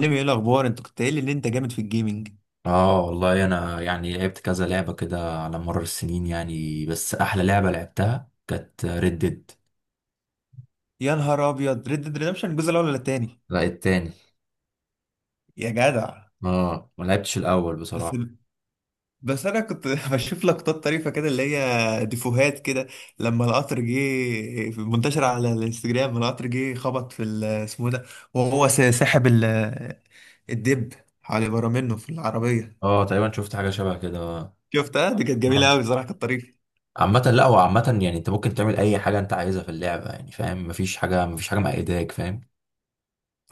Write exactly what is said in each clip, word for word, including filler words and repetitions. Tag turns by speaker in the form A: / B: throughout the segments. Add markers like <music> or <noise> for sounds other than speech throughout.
A: ليه؟ ايه الاخبار؟ انت كنت قايل لي ان انت جامد في الجيمنج.
B: اه، والله انا يعني لعبت كذا لعبة كده على مر السنين، يعني بس احلى لعبة لعبتها كانت ريد ديد.
A: يا نهار ابيض! ريد ديد ريدمشن الجزء الاول ولا التاني؟
B: لا، التاني.
A: يا جدع!
B: اه، ما لعبتش الاول
A: بس
B: بصراحة.
A: بس انا كنت <laughs> بشوف لقطات طريفه كده، اللي هي ديفوهات كده، لما القطر جه. في- منتشر على الانستجرام، لما القطر جه خبط في ال- اسمه ده، وهو س- ساحب ال- الدب على بره منه في العربيه.
B: اه، تقريبا شفت حاجة شبه كده، اه.
A: شفتها، دي كانت جميله
B: آه.
A: قوي بصراحه، كانت طريفه.
B: عامة، لا هو عامة يعني انت ممكن تعمل اي حاجة انت عايزها في اللعبة، يعني فاهم؟ مفيش حاجة مفيش حاجة مقيداك، فاهم؟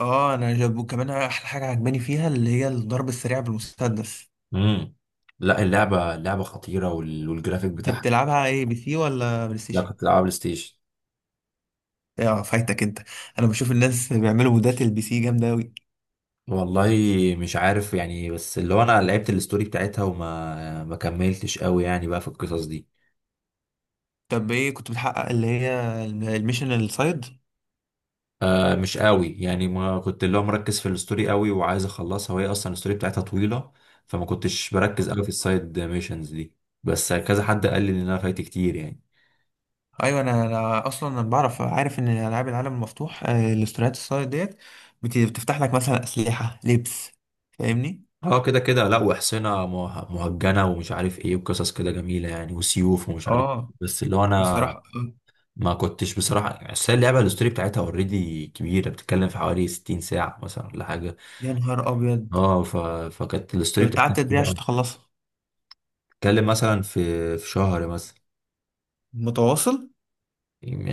A: اه، انا جاب كمان احلى حاجه عجباني فيها اللي هي الضرب السريع بالمسدس.
B: امم. لا، اللعبة اللعبة خطيرة وال... والجرافيك
A: انت
B: بتاعها.
A: بتلعبها ايه، بي سي ولا بلاي
B: لا،
A: ستيشن؟
B: كنت بلعبها بلاي ستيشن.
A: اه، فايتك انت. انا بشوف الناس بيعملوا مودات البي سي جامده قوي.
B: والله. مش عارف يعني، بس اللي هو انا لعبت الستوري بتاعتها وما ما كملتش قوي يعني بقى في القصص دي.
A: طب ايه كنت بتحقق، اللي هي الميشن السايد؟
B: آه، مش قوي يعني ما كنت اللي هو مركز في الستوري قوي، وعايز اخلصها وهي اصلا الستوري بتاعتها طويله. فما كنتش بركز قوي في السايد ميشنز دي. بس كذا حد قال لي ان انا فايت كتير يعني.
A: ايوه، انا انا اصلا انا بعرف، عارف ان العاب العالم المفتوح آه، الاستوريات السايد ديت بت- بتفتح لك مثلا اسلحه، لبس. فاهمني؟
B: اه كده كده، لا وحصنة مه- مهجنة ومش عارف ايه، وقصص كده جميلة يعني، وسيوف ومش عارف إيه.
A: اه،
B: بس اللي هو
A: بصراحه
B: انا.
A: آه،
B: ما كنتش بصراحة، اصل هي اللعبة الستوري بتاعتها اوريدي كبيرة، بتتكلم في حوالي 60 ساعة مثلا ولا حاجة.
A: يا نهار ابيض.
B: اه ف... فكانت الستوري
A: طب انت
B: بتاعتها
A: قعدت قد ايه
B: كبيرة
A: عشان
B: أوي.
A: تخلصها؟
B: بتتكلم مثلا في في شهر مثلا.
A: متواصل؟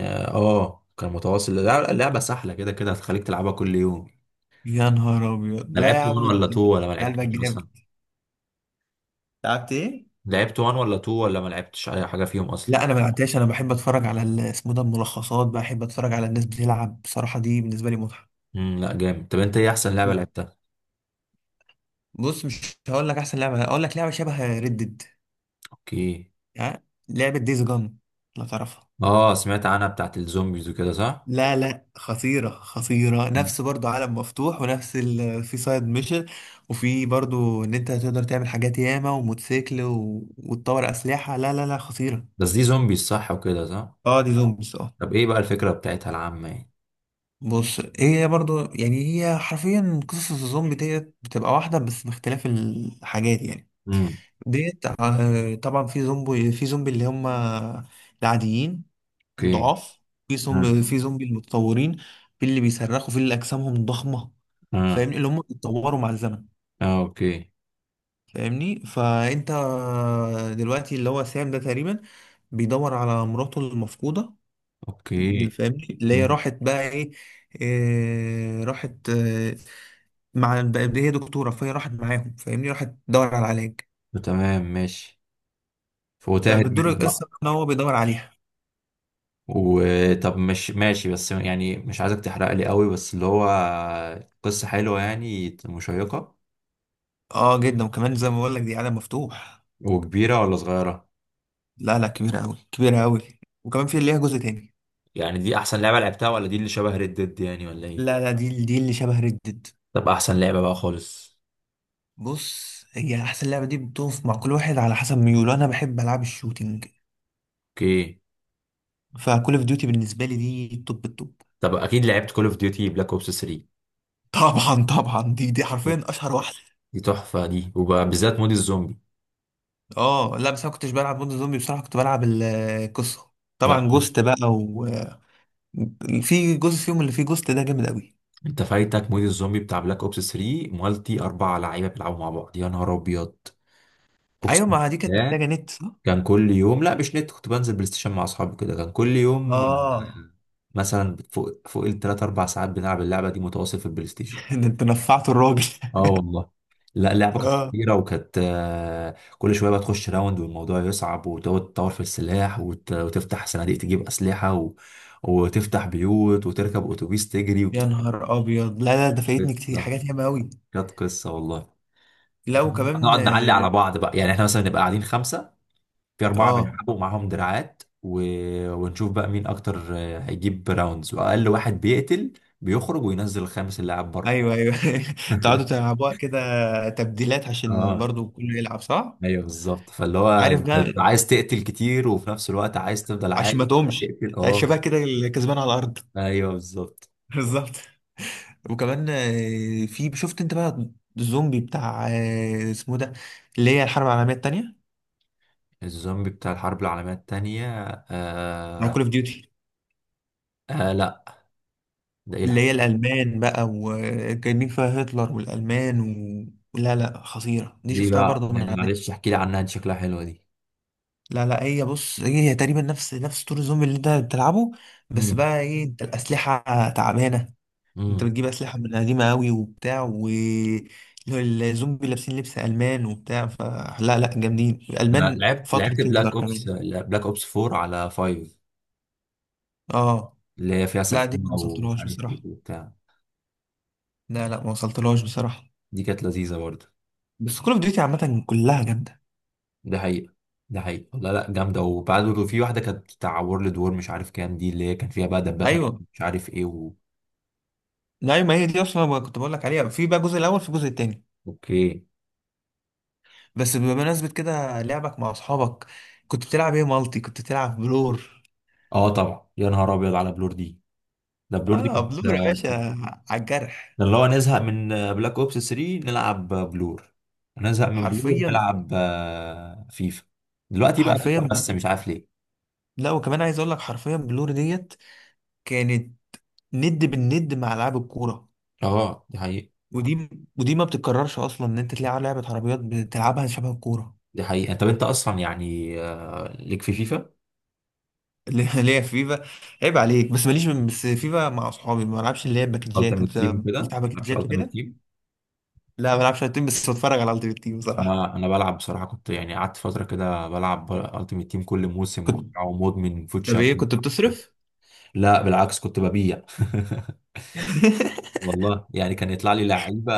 B: اه، كان متواصل لا، اللعبة سهلة كده كده هتخليك تلعبها كل يوم.
A: يا نهار ابيض!
B: انا
A: لا يا
B: لعبت الاول
A: عم
B: ولا
A: انت، أنت
B: التاني ولا ما
A: قلبك
B: لعبتش اصلا.
A: جامد. لعبت ايه؟
B: لعبت الاول ولا اتنين ولا ما لعبتش اي حاجة فيهم اصلا.
A: لا انا ما لعبتهاش، انا بحب اتفرج على ال- اسمه ده، الملخصات. بحب اتفرج على الناس بتلعب بصراحه، دي بالنسبه لي متعه.
B: امم لا جامد، طب انت ايه احسن لعبة لعبتها؟
A: بص، مش هقول لك احسن لعبه، هقول لك لعبه شبه ريدد
B: اوكي.
A: يعني، لعبه ديز جون. لا تعرفها؟
B: اه، سمعت عنها بتاعت الزومبيز وكده، صح؟
A: لا لا، خطيره خطيره،
B: مم.
A: نفس برضو عالم مفتوح ونفس ال... في سايد ميشن، وفي برضو ان انت تقدر تعمل حاجات ياما، وموتوسيكل و... وتطور اسلحه. لا لا لا، خطيره.
B: بس دي زومبيز صح وكده صح؟
A: اه، دي زومبيز اه.
B: طب ايه بقى الفكرة بتاعتها العامة يعني؟
A: بص، هي برضو يعني، هي حرفيا قصص الزومبي ديت بتبقى واحدة بس باختلاف الحاجات يعني.
B: امم.
A: ديت آه، طبعا في زومبي، في زومبي اللي هم العاديين،
B: اوكي.
A: الضعاف. في
B: امم.
A: زومبي، في زومبي المتطورين. في اللي بيصرخوا، في اللي أجسامهم ضخمة.
B: اه،
A: فاهمني؟ اللي هم بيتطوروا مع الزمن.
B: اه. اوكي،
A: فاهمني؟ فأنت دلوقتي اللي هو سام ده تقريبا بيدور على مراته المفقودة.
B: اوكي.
A: فاهمني؟ اللي هي
B: امم.
A: راحت بقى ايه، إيه، راحت آه، مع الب- هي دكتورة، فهي راحت معاهم. فاهمني؟ راحت تدور على العلاج.
B: تمام، ماشي. وتاهت
A: فبتدور
B: مني.
A: القصة ان هو بيدور عليها.
B: وطب مش ماشي بس يعني مش عايزك تحرق لي قوي، بس اللي هو قصة حلوة يعني، مشيقة.
A: اه جدا، وكمان زي ما بقول لك، دي عالم مفتوح.
B: وكبيرة ولا صغيرة؟
A: لا لا، كبيرة قوي، كبيرة قوي. وكمان في ليها جزء تاني.
B: يعني دي احسن لعبة لعبتها ولا دي اللي شبه ريد ديد يعني، ولا ايه؟
A: لا لا، دي دي اللي شبه ردد.
B: طب احسن لعبة بقى خالص؟
A: بص، هي احسن لعبة دي بتقف مع كل واحد على حسب ميوله. انا بحب العاب الشوتينج،
B: اوكي.
A: فكول اوف ديوتي بالنسبة لي دي التوب التوب.
B: طب اكيد لعبت كول اوف ديوتي بلاك اوبس تلاتة؟
A: طبعا طبعا، دي دي حرفيا اشهر واحدة.
B: دي تحفة دي، وبالذات مود الزومبي.
A: اه، لا بس انا كنتش بلعب مود زومبي بصراحة، كنت بلعب القصة.
B: لا.
A: طبعا، جوست بقى، في جزء فيهم اللي فيه جوست ده جامد قوي.
B: انت فايتك مود الزومبي بتاع بلاك اوبس تري مالتي، اربع لعيبه بيلعبوا مع بعض، يا نهار ابيض. اقسم
A: ايوه، ما دي كانت
B: بالله.
A: محتاجه نت صح؟
B: كان كل يوم، لا مش نت، كنت بنزل بلاي ستيشن مع اصحابي كده كان كل يوم،
A: اه.
B: آه، مثلا فوق فوق الثلاث اربع ساعات بنلعب اللعبه دي متواصل في البلاي ستيشن.
A: <laughs> ده انت نفعت الراجل! <laughs>
B: اه، والله. لا، اللعبه كانت
A: اه،
B: خطيره وكانت آه، كل شويه بقى تخش راوند والموضوع يصعب وتقعد تطور في السلاح وت- وتفتح صناديق تجيب اسلحه و... وتفتح بيوت وتركب اتوبيس تجري.
A: يا نهار ابيض! لا لا، ده فايتني كتير،
B: قصه،
A: حاجات ياما قوي.
B: كانت قصه والله.
A: لا وكمان
B: نقعد نعلي على
A: اه،
B: بعض بقى، يعني احنا مثلا نبقى قاعدين خمسه. في أربعة
A: آه،
B: بيلعبوا معاهم دراعات و... ونشوف بقى مين أكتر آه، هيجيب راوندز، وأقل واحد بيقتل. بيخرج وينزل الخامس، اللاعب بره.
A: ايوه ايوه. <laughs> تقعدوا تلعبوها كده، تبديلات عشان
B: اه
A: برضو كله يلعب صح.
B: ايوه بالظبط، فاللي هو
A: عارف
B: انت بتبقى
A: بقى،
B: عايز تقتل كتير وفي نفس الوقت عايز تفضل
A: عشان
B: عايش.
A: ما
B: <laughs>
A: تقومش
B: تقتل،
A: الشباب
B: اه.
A: كده اللي كسبان على الارض. <laughs>
B: ايوه بالظبط.
A: بالظبط. وكمان آه، في، شفت انت بقى الزومبي بتاع آه، اسمه ده، اللي هي الحرب العالميه الثانيه،
B: الزومبي بتاع الحرب العالمية التانية.
A: مع كول
B: آه...
A: اوف ديوتي؟
B: آه، لا. ده ايه
A: اللي
B: الحب؟
A: هي الألمان بقى، وجايبين فيها هتلر والألمان و... لا لا، خطيرة، دي
B: دي
A: شفتها
B: بقى
A: برضه من
B: يعني
A: على النت.
B: معلش، احكي لي عنها دي، شكلها حلوة دي.
A: لا لا، هي بص، هي تقريبا نفس نفس طور الزومبي اللي انت بتلعبه، بس
B: امم.
A: بقى ايه، انت الأسلحة تعبانة، انت
B: امم.
A: بتجيب أسلحة من قديمة قوي وبتاع و الزومبي لابسين لبس ألمان وبتاع، فلا لا، جامدين الألمان
B: لعبت
A: فترة
B: لعبت بلاك
A: هتلر
B: اوبس
A: كمان.
B: بلاك اوبس فور على فايف.
A: اه،
B: اللي هي فيها
A: لا دي ما
B: سفينة ومش
A: وصلتلهاش
B: عارف ايه
A: بصراحة.
B: وبتاع.
A: لا لا، ما وصلتلهاش بصراحة.
B: دي كانت لذيذة برضه.
A: بس كل اوف ديوتي عامة كلها جامدة.
B: ده حقيقة. ده حقيقة، لا لا جامدة. وبعد في واحدة كانت بتاع وورلد وور، مش عارف كام دي، اللي هي كان فيها بقى دبابة.
A: ايوه.
B: مش عارف ايه و...
A: لا ما هي دي اصلا ما كنت بقول لك عليها، في بقى الجزء الاول، في الجزء التاني.
B: اوكي.
A: بس بمناسبة كده، لعبك مع اصحابك، كنت بتلعب ايه مالتي؟ كنت بتلعب بلور؟
B: اه طبعا، يا نهار ابيض على بلور دي. ده بلور دي
A: اه،
B: كانت
A: بلور يا
B: ده.
A: باشا! على الجرح.
B: اللي هو، نزهق من بلاك اوبس تري نلعب بلور. نزهق من بلور
A: حرفيا،
B: نلعب آه، فيفا. دلوقتي بقى فيفا،
A: حرفيا.
B: بس مش عارف ليه.
A: لا وكمان عايز اقول لك، حرفيا بلور ديت كانت ند بالند مع العاب الكورة.
B: اه، دي حقيقة.
A: ودي، ودي ما بتتكررش اصلا ان انت تلاقي لعبة عربيات بتلعبها شبه الكورة.
B: دي حقيقة، طب انت اصلا يعني آه، ليك في فيفا
A: اللي <laughs> اللي هي فيفا، عيب عليك. بس ماليش، بس فيفا مع اصحابي، ما بلعبش اللي هي باكجات،
B: التيمت
A: انت
B: تيم وكده، ما
A: بتلعب
B: بلعبش
A: باكجات
B: التيمت
A: وكده.
B: تيم.
A: لا ما بلعبش على التيم، بس بتفرج على التيم، التيم بصراحة.
B: انا انا بلعب بصراحه، كنت يعني قعدت فتره كده بلعب التيمت تيم كل موسم
A: كنت،
B: وبتاع، ومدمن فوت
A: طب ايه
B: شامبيون.
A: كنت بتصرف؟
B: لا بالعكس، كنت ببيع.
A: <laughs>
B: <laughs> والله يعني كان يطلع لي لعيبه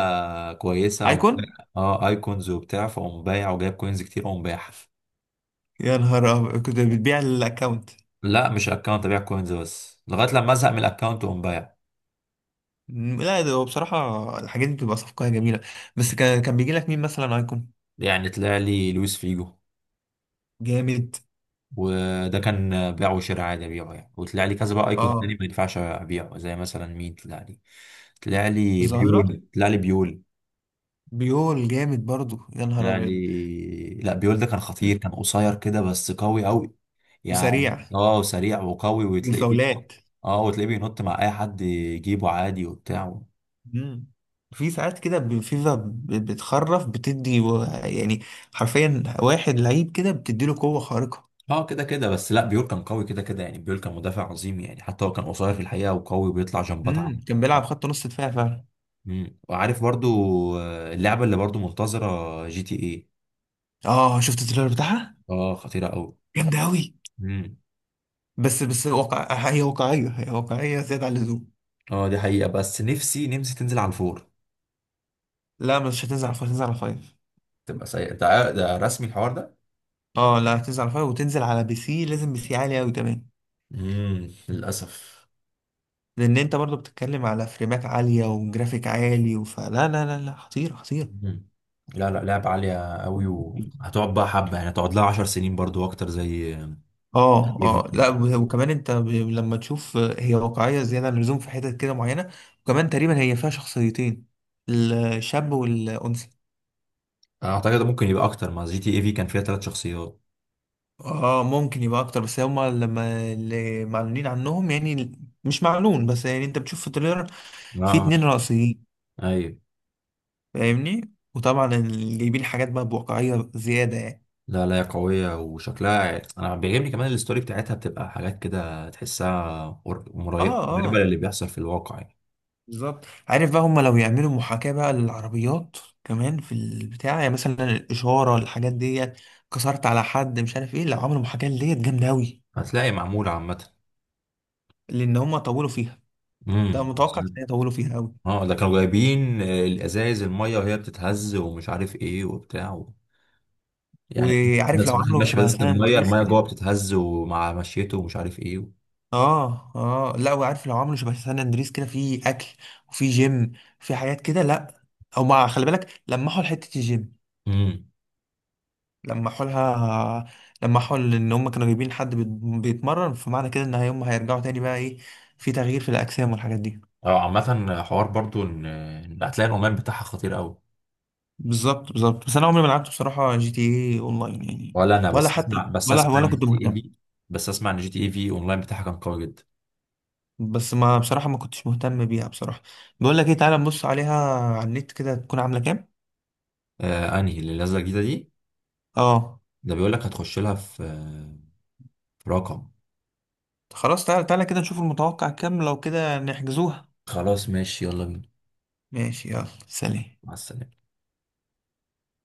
B: كويسه وبتاع.
A: ايكون؟
B: اه، ايكونز وبتاع، فاقوم بايع وجايب كوينز كتير واقوم بايع.
A: يا نهار أبيض! كنت بتبيع الاكونت؟
B: لا، مش اكونت، ابيع كوينز بس، لغايه لما ازهق من الاكونت واقوم بايع.
A: لا، ده هو بصراحة الحاجات دي بتبقى صفقة جميلة. بس كان، كان بيجي لك مين مثلا ايكون؟
B: يعني طلع لي لويس فيجو.
A: جامد.
B: وده كان بيع وشراء عادي ابيعه يعني، وطلع لي كذا بقى ايكون تاني
A: اه،
B: ما ينفعش ابيعه، زي مثلا مين طلع لي؟ طلع لي
A: الظاهرة؟
B: بيول، طلع لي بيول.
A: بيول جامد برضو، يا نهار
B: طلع
A: ابيض!
B: لي، لا، بيول ده كان خطير، كان قصير كده بس قوي قوي. يعني
A: وسريع،
B: اه سريع وقوي وتلاقيه بينط.
A: والفاولات.
B: اه، وتلاقيه بينط مع اي حد يجيبه عادي وبتاع.
A: مم. في ساعات كده ب- فيفا ب- بتخرف، بتدي و- يعني، حرفيا واحد لعيب كده بتديله قوة خارقة.
B: اه كده كده، بس لا بيول كان قوي كده كده، يعني بيول كان مدافع عظيم يعني، حتى هو كان قصير في الحقيقة، وقوي وبيطلع جنبات
A: امم،
B: عنه.
A: كان بيلعب خط نص دفاع فعلا.
B: مم. وعارف برضو، آه، اللعبة اللي برضو منتظرة جي تي ايه؟
A: اه، شفت التريلر بتاعها؟
B: اه، خطيرة قوي.
A: جامده قوي.
B: امم.
A: بس بس واقع، هي واقعيه، هي واقعيه زياده عن اللزوم.
B: اه، دي حقيقة، بس نفسي نفسي تنزل على الفور.
A: لا مش هتنزل على فايف، هتنزل على فايف.
B: تبقى سيئة، ده ع- ده رسمي الحوار ده.
A: اه، لا هتنزل على فايف، وتنزل على بي سي، لازم بي سي عالي قوي كمان.
B: امم، للأسف.
A: لان انت برضو بتتكلم على فريمات عاليه وجرافيك عالي، وفلا لا لا لا لا، خطيره خطيره.
B: أمم. لا لا، لعبة عالية قوي، و... هتقعد بقى حبة يعني، هتقعد لها 10 سنين برضو اكتر زي
A: اه
B: اي في
A: اه،
B: كده.
A: لا و- وكمان انت ب- لما تشوف، هي واقعيه زياده عن اللزوم في حتت كده معينه. وكمان تقريبا هي فيها شخصيتين، الشاب والانثى.
B: انا اعتقد ممكن يبقى اكتر، ما جي تي اي في كان فيها ثلاث شخصيات.
A: اه، ممكن يبقى اكتر، بس هما لما اللي معلونين عنهم يعني، مش معلون، بس يعني انت بتشوف في التريلر في
B: اه،
A: اتنين رئيسيين.
B: ايوه.
A: فاهمني؟ وطبعا اللي جايبين حاجات بقى بواقعية زيادة يعني.
B: لا لا، هي قوية وشكلها انا بيعجبني، كمان الستوري بتاعتها بتبقى حاجات كده تحسها قر-
A: اه،
B: مري- قريبة
A: اه،
B: للي بيحصل في الواقع يعني.
A: بالظبط. عارف بقى هما لو يعملوا محاكاة بقى للعربيات كمان في البتاع يعني، مثلا الإشارة، الحاجات دي، كسرت على حد، مش عارف ايه، لو عملوا محاكاة ديت جامدة أوي.
B: هتلاقي معمولة عامة.
A: لأن هما طولوا فيها،
B: امم.
A: ده متوقع إن هي طولوا فيها أوي.
B: اه ده كانوا جايبين آه، الازايز الميه وهي بتتهز، ومش عارف ايه وبتاع و... يعني.
A: وعارف
B: الناس،
A: لو
B: واحد
A: عملوا
B: ماشي
A: شبه،
B: بس
A: طب سان
B: الميه
A: أندريس
B: الميه
A: كده.
B: جوه بتتهز ومع مشيته، ومش عارف ايه و...
A: اه اه، لا وعارف لو عملوا شبه سان اندريس كده، في اكل، وفي جيم، في حاجات كده، لا. او ما خلي بالك، لمحوا لحته الجيم،
B: امم.
A: لمحوا لها، لمحوا ان هم كانوا جايبين حد بيت- بيتمرن، فمعنى كده ان هم هيرجعوا تاني بقى ايه، في تغيير في الاجسام والحاجات دي.
B: اه عامة حوار برضو ان إن هتلاقي الاونلاين بتاعها خطير قوي.
A: بالظبط بالظبط. بس انا عمري ما لعبت بصراحه جي تي اي اونلاين يعني،
B: ولا انا
A: ولا
B: بس
A: حتى
B: اسمع بس
A: ولا
B: اسمع
A: ولا
B: ان
A: كنت
B: جي تي اي
A: مهتم.
B: في. بس اسمع ان جي تي اي في اونلاين بتاعها كان قوي جدا.
A: بس ما بصراحه ما كنتش مهتم بيها بصراحه. بقول لك ايه، تعالى نبص عليها على النت كده، تكون عامله كام.
B: آه، انهي اللي نازله جديده دي؟
A: اه،
B: ده بيقول لك هتخش لها في آه، في رقم.
A: خلاص تعالى، تعالى كده نشوف المتوقع كام، لو كده نحجزوها.
B: خلاص ماشي، يلا بينا.
A: ماشي، يلا سلام.
B: مع السلامه.